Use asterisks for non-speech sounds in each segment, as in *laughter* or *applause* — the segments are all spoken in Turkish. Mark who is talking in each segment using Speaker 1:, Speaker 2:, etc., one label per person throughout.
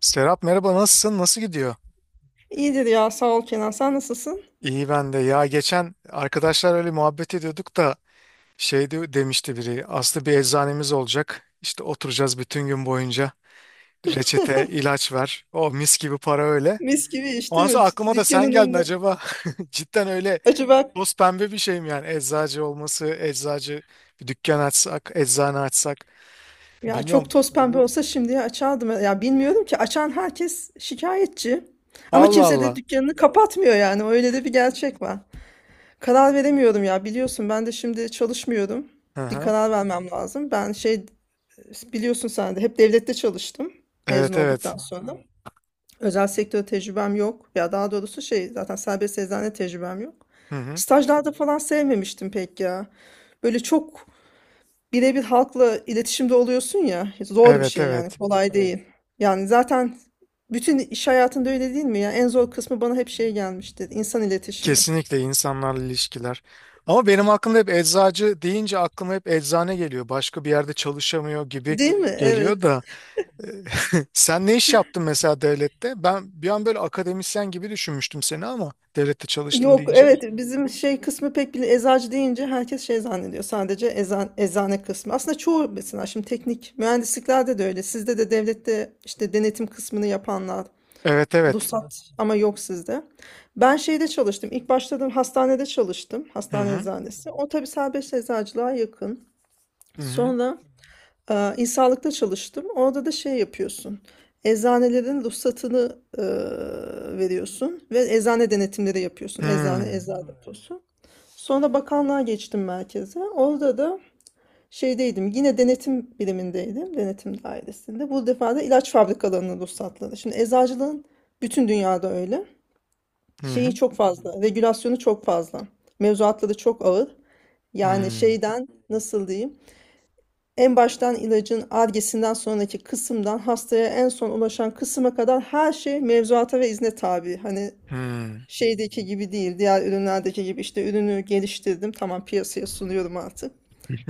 Speaker 1: Serap, merhaba, nasılsın? Nasıl gidiyor?
Speaker 2: İyidir ya sağ ol Kenan. Sen nasılsın?
Speaker 1: İyi ben de. Ya geçen arkadaşlar öyle muhabbet ediyorduk da demişti biri. Aslı bir eczanemiz olacak. İşte oturacağız bütün gün boyunca. Reçete, ilaç ver. O mis gibi para öyle.
Speaker 2: Mis gibi iş
Speaker 1: Ondan
Speaker 2: değil mi?
Speaker 1: sonra aklıma da sen
Speaker 2: Dükkanın
Speaker 1: geldin
Speaker 2: önünde.
Speaker 1: acaba. *laughs* Cidden öyle
Speaker 2: Acaba
Speaker 1: toz pembe bir şey mi yani? Eczacı olması, eczacı bir dükkan açsak, eczane açsak.
Speaker 2: ya çok
Speaker 1: Bilmiyorum.
Speaker 2: toz pembe olsa şimdiye açardım. Ya bilmiyorum ki açan herkes şikayetçi. Ama
Speaker 1: Allah
Speaker 2: kimse de
Speaker 1: Allah.
Speaker 2: dükkanını kapatmıyor yani. Öyle de bir gerçek var. Karar veremiyorum ya biliyorsun ben de şimdi çalışmıyorum.
Speaker 1: Hı
Speaker 2: Bir
Speaker 1: hı.
Speaker 2: karar vermem lazım. Ben şey, biliyorsun sen de hep devlette çalıştım mezun
Speaker 1: Evet evet.
Speaker 2: olduktan sonra. Özel sektör tecrübem yok. Ya daha doğrusu şey, zaten serbest eczane tecrübem yok.
Speaker 1: Hı hı.
Speaker 2: Stajlarda falan sevmemiştim pek ya. Böyle çok birebir halkla iletişimde oluyorsun ya. Zor bir
Speaker 1: Evet
Speaker 2: şey yani.
Speaker 1: evet.
Speaker 2: Kolay, evet, değil. Yani zaten bütün iş hayatında öyle değil mi ya? En zor kısmı bana hep şey gelmiştir. İnsan iletişimi.
Speaker 1: Kesinlikle insanlarla ilişkiler. Ama benim aklımda hep eczacı deyince aklıma hep eczane geliyor. Başka bir yerde çalışamıyor gibi
Speaker 2: Değil mi?
Speaker 1: geliyor
Speaker 2: Evet.
Speaker 1: da. *laughs* Sen ne iş yaptın mesela devlette? Ben bir an böyle akademisyen gibi düşünmüştüm seni, ama devlette çalıştım
Speaker 2: Yok
Speaker 1: deyince.
Speaker 2: evet, bizim şey kısmı pek bile, eczacı deyince herkes şey zannediyor, sadece ezan, eczane kısmı. Aslında çoğu, mesela şimdi teknik mühendisliklerde de öyle. Sizde de devlette işte denetim kısmını yapanlar,
Speaker 1: Evet evet.
Speaker 2: ruhsat ama yok sizde. Ben şeyde çalıştım. İlk başladığım hastanede çalıştım.
Speaker 1: Hı
Speaker 2: Hastane
Speaker 1: hı.
Speaker 2: eczanesi. O tabii serbest eczacılığa yakın.
Speaker 1: Hı hı.
Speaker 2: Sonra İnsanlıkta çalıştım. Orada da şey yapıyorsun. Eczanelerin ruhsatını veriyorsun ve eczane denetimleri yapıyorsun. Eczane, eczane deposu. Sonra bakanlığa geçtim merkeze. Orada da şeydeydim. Yine denetim birimindeydim. Denetim dairesinde. Bu defa da ilaç fabrikalarının ruhsatları. Şimdi eczacılığın bütün dünyada öyle.
Speaker 1: Hı
Speaker 2: Şeyi
Speaker 1: hı.
Speaker 2: çok fazla. Regülasyonu çok fazla. Mevzuatları çok ağır. Yani
Speaker 1: Hı
Speaker 2: şeyden, nasıl diyeyim? En baştan ilacın Ar-Ge'sinden sonraki kısımdan hastaya en son ulaşan kısma kadar her şey mevzuata ve izne tabi. Hani
Speaker 1: hı.
Speaker 2: şeydeki gibi değil, diğer ürünlerdeki gibi işte ürünü geliştirdim, tamam piyasaya sunuyorum artık.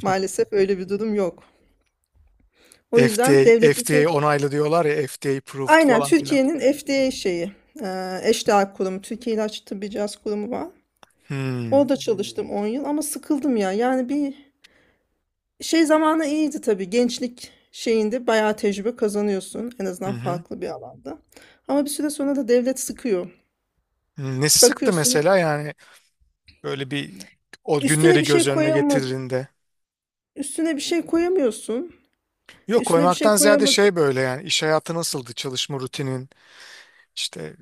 Speaker 2: Maalesef öyle bir durum yok. O yüzden
Speaker 1: FDA,
Speaker 2: devletteki
Speaker 1: FDA *laughs* onaylı diyorlar ya, FDA approved
Speaker 2: aynen
Speaker 1: falan filan.
Speaker 2: Türkiye'nin FDA şeyi, eşdeğer kurumu, Türkiye İlaç Tıbbi Cihaz Kurumu var.
Speaker 1: Hı
Speaker 2: Orada çalıştım 10 yıl ama sıkıldım ya. Yani bir şey zamanı iyiydi tabii. Gençlik şeyinde bayağı tecrübe kazanıyorsun. En azından
Speaker 1: hı.
Speaker 2: farklı bir alanda. Ama bir süre sonra da devlet sıkıyor.
Speaker 1: Nesi sıktı
Speaker 2: Bakıyorsun
Speaker 1: mesela, yani böyle bir, o
Speaker 2: üstüne
Speaker 1: günleri
Speaker 2: bir
Speaker 1: göz
Speaker 2: şey
Speaker 1: önüne
Speaker 2: koyamı
Speaker 1: getirdiğinde.
Speaker 2: üstüne bir şey koyamıyorsun.
Speaker 1: Yok,
Speaker 2: Üstüne bir şey
Speaker 1: koymaktan ziyade
Speaker 2: koyamadı.
Speaker 1: şey, böyle yani iş hayatı nasıldı, çalışma rutinin işte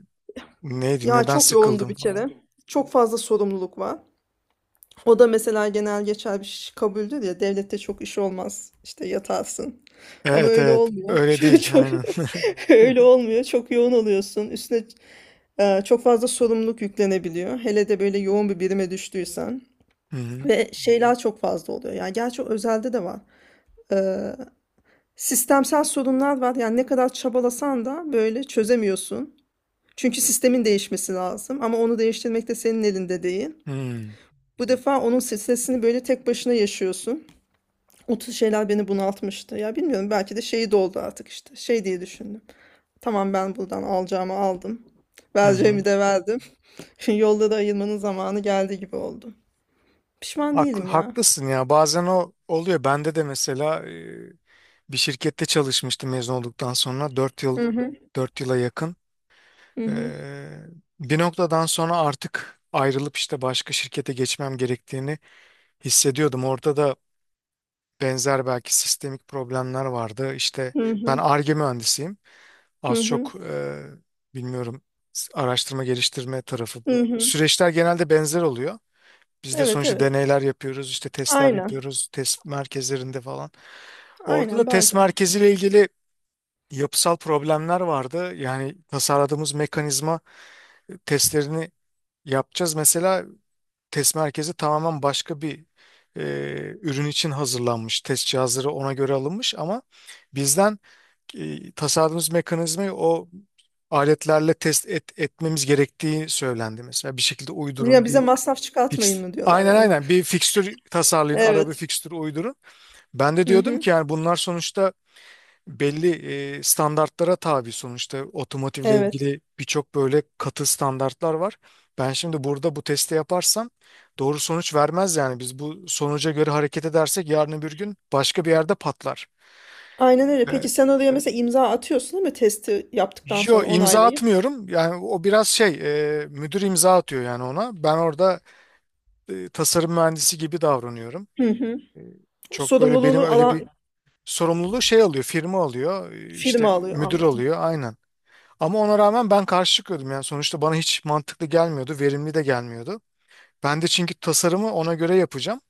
Speaker 1: neydi,
Speaker 2: Ya
Speaker 1: neden
Speaker 2: çok yoğundu
Speaker 1: sıkıldım
Speaker 2: bir kere.
Speaker 1: falan.
Speaker 2: Çok fazla sorumluluk var. O da mesela genel geçer bir şey, kabuldür ya devlette çok iş olmaz. İşte yatarsın. Ama
Speaker 1: Evet
Speaker 2: öyle
Speaker 1: evet,
Speaker 2: olmuyor. *laughs*
Speaker 1: öyle
Speaker 2: Çok,
Speaker 1: değil,
Speaker 2: çok
Speaker 1: aynen.
Speaker 2: *laughs* öyle olmuyor. Çok yoğun oluyorsun. Üstüne çok fazla sorumluluk yüklenebiliyor. Hele de böyle yoğun bir birime düştüysen.
Speaker 1: *laughs* Hı hı.
Speaker 2: Ve şeyler çok fazla oluyor. Yani gerçi o özelde de var. Ee, Sistemsel sorunlar var. Yani ne kadar çabalasan da böyle çözemiyorsun. Çünkü sistemin değişmesi lazım. Ama onu değiştirmek de senin elinde değil. Bu defa onun stresini böyle tek başına yaşıyorsun. O tür şeyler beni bunaltmıştı. Ya bilmiyorum, belki de şeyi doldu artık işte. Şey diye düşündüm. Tamam, ben buradan alacağımı aldım.
Speaker 1: Hı
Speaker 2: Vereceğimi
Speaker 1: hı.
Speaker 2: de verdim. *laughs* Şimdi yolda da ayırmanın zamanı geldi gibi oldu. Pişman
Speaker 1: Haklı,
Speaker 2: değilim ya.
Speaker 1: haklısın ya, bazen o oluyor bende de mesela, bir şirkette çalışmıştım mezun olduktan sonra 4 yıl,
Speaker 2: Hı hı.
Speaker 1: 4 yıla yakın.
Speaker 2: Hı hı.
Speaker 1: E, Bir noktadan sonra artık ayrılıp işte başka şirkete geçmem gerektiğini hissediyordum. Orada da benzer belki sistemik problemler vardı. İşte
Speaker 2: Hı
Speaker 1: ben
Speaker 2: hı.
Speaker 1: Ar-Ge mühendisiyim.
Speaker 2: Hı
Speaker 1: Az
Speaker 2: hı.
Speaker 1: çok bilmiyorum, araştırma geliştirme tarafı.
Speaker 2: Hı hı.
Speaker 1: Süreçler genelde benzer oluyor. Biz de
Speaker 2: Evet,
Speaker 1: sonuçta
Speaker 2: evet.
Speaker 1: deneyler yapıyoruz, işte testler
Speaker 2: Aynen.
Speaker 1: yapıyoruz, test merkezlerinde falan. Orada da
Speaker 2: Aynen
Speaker 1: test
Speaker 2: benzer.
Speaker 1: merkeziyle ilgili yapısal problemler vardı. Yani tasarladığımız mekanizma, testlerini yapacağız. Mesela test merkezi tamamen başka bir e, ürün için hazırlanmış. Test cihazları ona göre alınmış, ama bizden tasarladığımız mekanizmayı o aletlerle etmemiz gerektiği söylendi mesela. Bir şekilde
Speaker 2: Ya
Speaker 1: uydurun
Speaker 2: bize
Speaker 1: bir
Speaker 2: masraf çıkartmayın
Speaker 1: fix.
Speaker 2: mı diyorlar
Speaker 1: Aynen
Speaker 2: yani.
Speaker 1: aynen, bir fikstür tasarlayın, araba bir
Speaker 2: Evet.
Speaker 1: fikstür uydurun. Ben de
Speaker 2: Hı
Speaker 1: diyordum
Speaker 2: hı.
Speaker 1: ki yani bunlar sonuçta belli standartlara tabi, sonuçta otomotivle
Speaker 2: Evet.
Speaker 1: ilgili birçok böyle katı standartlar var. Ben şimdi burada bu testi yaparsam doğru sonuç vermez, yani biz bu sonuca göre hareket edersek yarın öbür gün başka bir yerde patlar.
Speaker 2: Aynen öyle. Peki
Speaker 1: Ve
Speaker 2: sen oraya mesela imza atıyorsun değil mi? Testi yaptıktan
Speaker 1: yo,
Speaker 2: sonra
Speaker 1: imza
Speaker 2: onaylayıp.
Speaker 1: atmıyorum, yani o biraz şey, müdür imza atıyor, yani ona ben orada tasarım mühendisi gibi davranıyorum.
Speaker 2: Hı hı.
Speaker 1: E, Çok böyle benim
Speaker 2: Sorumluluğunu
Speaker 1: öyle bir
Speaker 2: alan
Speaker 1: sorumluluğu şey alıyor, firma alıyor, işte
Speaker 2: firma alıyor,
Speaker 1: müdür
Speaker 2: anladım.
Speaker 1: alıyor aynen. Ama ona rağmen ben karşı çıkıyordum, yani sonuçta bana hiç mantıklı gelmiyordu, verimli de gelmiyordu. Ben de çünkü tasarımı ona göre yapacağım.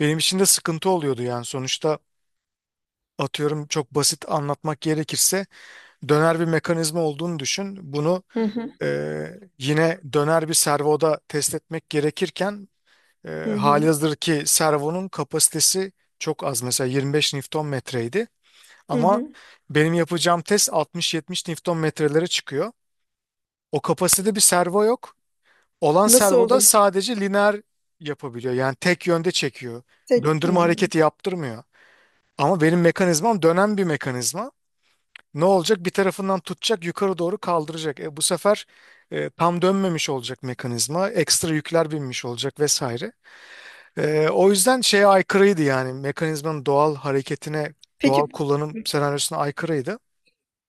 Speaker 1: Benim için de sıkıntı oluyordu, yani sonuçta atıyorum, çok basit anlatmak gerekirse döner bir mekanizma olduğunu düşün. Bunu
Speaker 2: Hı hı.
Speaker 1: e, yine döner bir servoda test etmek gerekirken e,
Speaker 2: Hı hı.
Speaker 1: halihazır ki servonun kapasitesi çok az, mesela 25 Newton metreydi.
Speaker 2: Hı
Speaker 1: Ama
Speaker 2: hı.
Speaker 1: benim yapacağım test 60-70 Newton metrelere çıkıyor. O kapasitede bir servo yok. Olan
Speaker 2: Nasıl o
Speaker 1: servoda
Speaker 2: zaman?
Speaker 1: sadece lineer yapabiliyor. Yani tek yönde çekiyor.
Speaker 2: Tek. Hı.
Speaker 1: Döndürme hareketi yaptırmıyor. Ama benim mekanizmam dönen bir mekanizma. Ne olacak? Bir tarafından tutacak, yukarı doğru kaldıracak. Bu sefer tam dönmemiş olacak mekanizma. Ekstra yükler binmiş olacak vesaire. O yüzden şeye aykırıydı yani. Mekanizmanın doğal hareketine, doğal
Speaker 2: Peki,
Speaker 1: kullanım senaryosuna aykırıydı.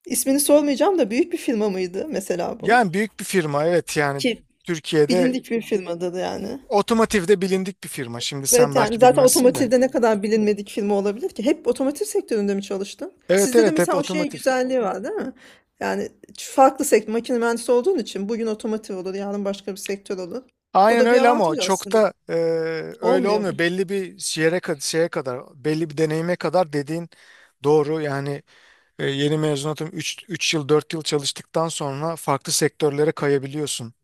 Speaker 2: ismini sormayacağım da büyük bir firma mıydı mesela bu?
Speaker 1: Yani büyük bir firma, evet yani
Speaker 2: Ki
Speaker 1: Türkiye'de
Speaker 2: bilindik bir firmadır yani.
Speaker 1: otomotivde bilindik bir firma. Şimdi
Speaker 2: Evet,
Speaker 1: sen
Speaker 2: yani
Speaker 1: belki
Speaker 2: zaten
Speaker 1: bilmezsin de.
Speaker 2: otomotivde ne kadar bilinmedik firma olabilir ki? Hep otomotiv sektöründe mi çalıştın?
Speaker 1: Evet
Speaker 2: Sizde de
Speaker 1: evet, hep
Speaker 2: mesela o şey
Speaker 1: otomotiv.
Speaker 2: güzelliği var değil mi? Yani farklı sektör, makine mühendisi olduğun için bugün otomotiv olur, yarın başka bir sektör olur. O
Speaker 1: Aynen
Speaker 2: da bir
Speaker 1: öyle, ama o
Speaker 2: avantaj
Speaker 1: çok
Speaker 2: aslında.
Speaker 1: da öyle
Speaker 2: Olmuyor mu?
Speaker 1: olmuyor. Belli bir yere kadar, şeye kadar, belli bir deneyime kadar dediğin doğru. Yani yeni mezunatım, 3 yıl, 4 yıl çalıştıktan sonra farklı sektörlere kayabiliyorsun.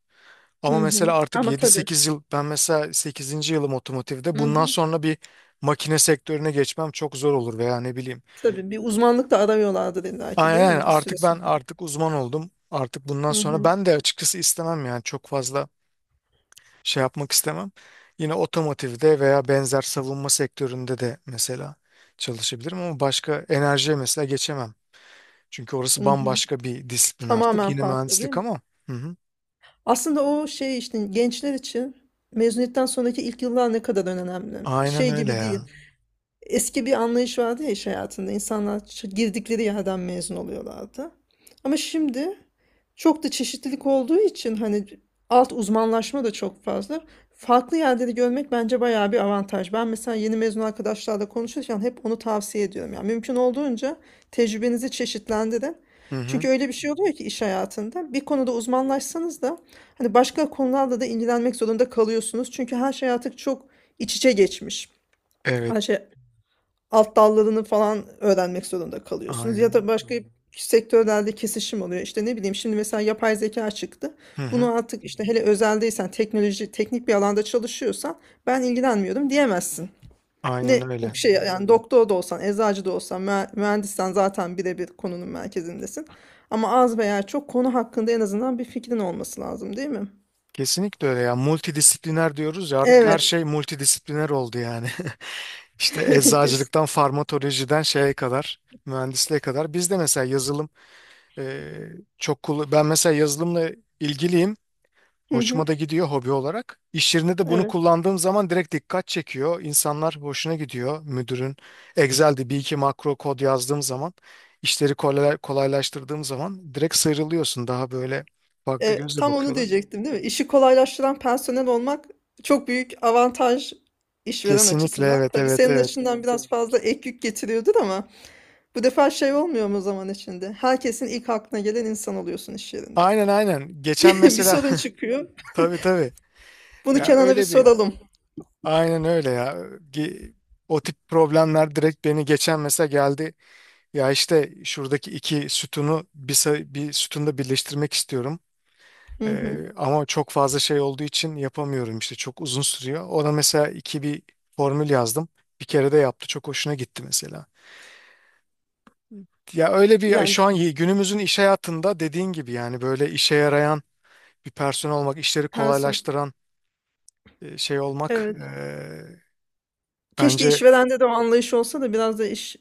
Speaker 1: Ama
Speaker 2: Hı hı.
Speaker 1: mesela artık
Speaker 2: Ama
Speaker 1: yedi
Speaker 2: tabii.
Speaker 1: sekiz yıl, ben mesela sekizinci yılım otomotivde.
Speaker 2: Hı
Speaker 1: Bundan
Speaker 2: hı.
Speaker 1: sonra bir makine sektörüne geçmem çok zor olur veya ne bileyim.
Speaker 2: Tabii bir uzmanlık da aramıyorlardır illa ki değil
Speaker 1: Aynen,
Speaker 2: mi? Bir süre sonra.
Speaker 1: artık uzman oldum. Artık bundan
Speaker 2: Hı
Speaker 1: sonra
Speaker 2: hı.
Speaker 1: ben de açıkçası istemem yani, çok fazla şey yapmak istemem. Yine otomotivde veya benzer savunma sektöründe de mesela çalışabilirim, ama başka enerjiye mesela geçemem. Çünkü orası
Speaker 2: Hı hı.
Speaker 1: bambaşka bir disiplin artık.
Speaker 2: Tamamen
Speaker 1: Yine
Speaker 2: farklı değil
Speaker 1: mühendislik
Speaker 2: mi?
Speaker 1: ama. Hı hı.
Speaker 2: Aslında o şey işte, gençler için mezuniyetten sonraki ilk yıllar ne kadar önemli.
Speaker 1: Aynen
Speaker 2: Şey
Speaker 1: öyle
Speaker 2: gibi değil,
Speaker 1: ya.
Speaker 2: eski bir anlayış vardı ya iş hayatında. İnsanlar girdikleri yerden mezun oluyorlardı. Ama şimdi çok da çeşitlilik olduğu için hani alt uzmanlaşma da çok fazla. Farklı yerleri görmek bence bayağı bir avantaj. Ben mesela yeni mezun arkadaşlarla konuşurken hep onu tavsiye ediyorum. Yani mümkün olduğunca tecrübenizi çeşitlendirin.
Speaker 1: Hı hı.
Speaker 2: Çünkü öyle bir şey oluyor ki iş hayatında bir konuda uzmanlaşsanız da hani başka konularla da ilgilenmek zorunda kalıyorsunuz. Çünkü her şey artık çok iç içe geçmiş.
Speaker 1: Evet,
Speaker 2: Her şey, alt dallarını falan öğrenmek zorunda kalıyorsunuz. Ya
Speaker 1: aynen.
Speaker 2: da başka sektörlerde kesişim oluyor. İşte ne bileyim, şimdi mesela yapay zeka çıktı.
Speaker 1: Hı hı.
Speaker 2: Bunu artık işte, hele özeldeysen, teknoloji, teknik bir alanda çalışıyorsan ben ilgilenmiyorum diyemezsin.
Speaker 1: Aynen
Speaker 2: Ne o
Speaker 1: öyle.
Speaker 2: şey yani, doktor da olsan, eczacı da olsan, mühendissen zaten birebir konunun merkezindesin. Ama az veya çok konu hakkında en azından bir fikrin olması lazım, değil mi?
Speaker 1: Kesinlikle öyle ya. Multidisipliner diyoruz ya, artık her
Speaker 2: Evet.
Speaker 1: şey multidisipliner oldu yani. *laughs* İşte
Speaker 2: *laughs* Kes.
Speaker 1: eczacılıktan, farmatolojiden şeye kadar, mühendisliğe kadar. Biz de mesela yazılım, Ee, çok kullan, ben mesela yazılımla ilgiliyim.
Speaker 2: Hı hı.
Speaker 1: Hoşuma da gidiyor hobi olarak. İş yerinde de bunu
Speaker 2: Evet.
Speaker 1: kullandığım zaman direkt dikkat çekiyor. İnsanlar hoşuna gidiyor. Müdürün Excel'de bir iki makro kod yazdığım zaman, işleri kolaylaştırdığım zaman direkt sıyrılıyorsun. Daha böyle farklı gözle
Speaker 2: Tam onu
Speaker 1: bakıyorlar.
Speaker 2: diyecektim değil mi? İşi kolaylaştıran personel olmak çok büyük avantaj işveren
Speaker 1: Kesinlikle,
Speaker 2: açısından.
Speaker 1: evet
Speaker 2: Tabii
Speaker 1: evet
Speaker 2: senin
Speaker 1: evet.
Speaker 2: açından biraz fazla ek yük getiriyordur ama bu defa şey olmuyor mu zaman içinde? Herkesin ilk aklına gelen insan oluyorsun iş yerinde.
Speaker 1: Aynen aynen.
Speaker 2: *laughs*
Speaker 1: Geçen
Speaker 2: Bir
Speaker 1: mesela
Speaker 2: sorun çıkıyor.
Speaker 1: *laughs* tabii tabii.
Speaker 2: Bunu
Speaker 1: Ya
Speaker 2: Kenan'a bir
Speaker 1: öyle bir,
Speaker 2: soralım.
Speaker 1: aynen öyle ya. Ge- O tip problemler direkt beni geçen mesela geldi. Ya işte şuradaki iki sütunu bir, bir sütunda birleştirmek istiyorum.
Speaker 2: Hı hı.
Speaker 1: Ama çok fazla şey olduğu için yapamıyorum işte, çok uzun sürüyor. Ona mesela iki bir formül yazdım. Bir kere de yaptı, çok hoşuna gitti mesela. Ya öyle bir
Speaker 2: Yani
Speaker 1: şu an, günümüzün iş hayatında dediğin gibi yani, böyle işe yarayan bir personel olmak, işleri
Speaker 2: personel.
Speaker 1: kolaylaştıran şey olmak,
Speaker 2: Evet. Keşke
Speaker 1: bence
Speaker 2: işverende de o anlayış olsa da biraz da iş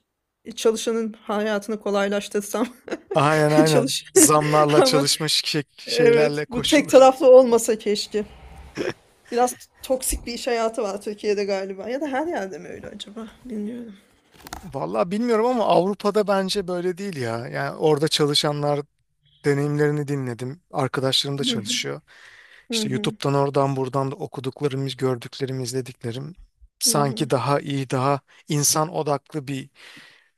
Speaker 2: çalışanın hayatını kolaylaştırsam.
Speaker 1: aynen
Speaker 2: *laughs*
Speaker 1: aynen,
Speaker 2: Çalış. *laughs*
Speaker 1: zamlarla
Speaker 2: Ama
Speaker 1: çalışmış
Speaker 2: evet,
Speaker 1: şeylerle.
Speaker 2: bu tek taraflı olmasa keşke. Biraz toksik bir iş hayatı var Türkiye'de galiba. Ya da her yerde mi öyle acaba? Bilmiyorum. *laughs*
Speaker 1: Vallahi bilmiyorum ama Avrupa'da bence böyle değil ya. Yani orada çalışanlar, deneyimlerini dinledim. Arkadaşlarım da çalışıyor.
Speaker 2: Hı
Speaker 1: İşte
Speaker 2: hı,
Speaker 1: YouTube'dan, oradan buradan da okuduklarım, gördüklerim, izlediklerim,
Speaker 2: hı
Speaker 1: sanki
Speaker 2: hı.
Speaker 1: daha iyi, daha insan odaklı bir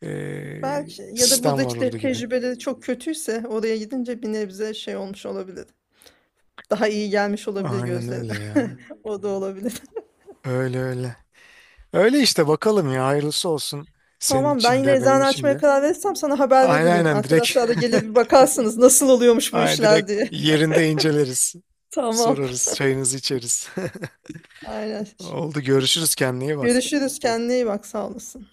Speaker 2: Belki, ya da
Speaker 1: sistem var
Speaker 2: buradaki
Speaker 1: orada
Speaker 2: de
Speaker 1: gibi.
Speaker 2: tecrübeleri çok kötüyse oraya gidince bir nebze şey olmuş olabilir. Daha iyi gelmiş olabilir
Speaker 1: Aynen
Speaker 2: gözlerine.
Speaker 1: öyle ya.
Speaker 2: *laughs* O da olabilir.
Speaker 1: Öyle öyle. Öyle işte, bakalım ya, hayırlısı olsun, senin
Speaker 2: Tamam, ben
Speaker 1: için
Speaker 2: yine
Speaker 1: de benim
Speaker 2: eczane
Speaker 1: için
Speaker 2: açmaya
Speaker 1: de.
Speaker 2: karar verirsem sana haber
Speaker 1: Aynen
Speaker 2: veririm.
Speaker 1: aynen direkt,
Speaker 2: Arkadaşlar da gelir bir bakarsınız nasıl
Speaker 1: *laughs*
Speaker 2: oluyormuş bu
Speaker 1: aynen
Speaker 2: işler
Speaker 1: direkt
Speaker 2: diye. *laughs*
Speaker 1: yerinde inceleriz.
Speaker 2: Tamam.
Speaker 1: Sorarız, çayınızı içeriz. *laughs*
Speaker 2: Aynen.
Speaker 1: Oldu, görüşürüz, kendine iyi bak.
Speaker 2: Görüşürüz. Kendine iyi bak. Sağ olasın.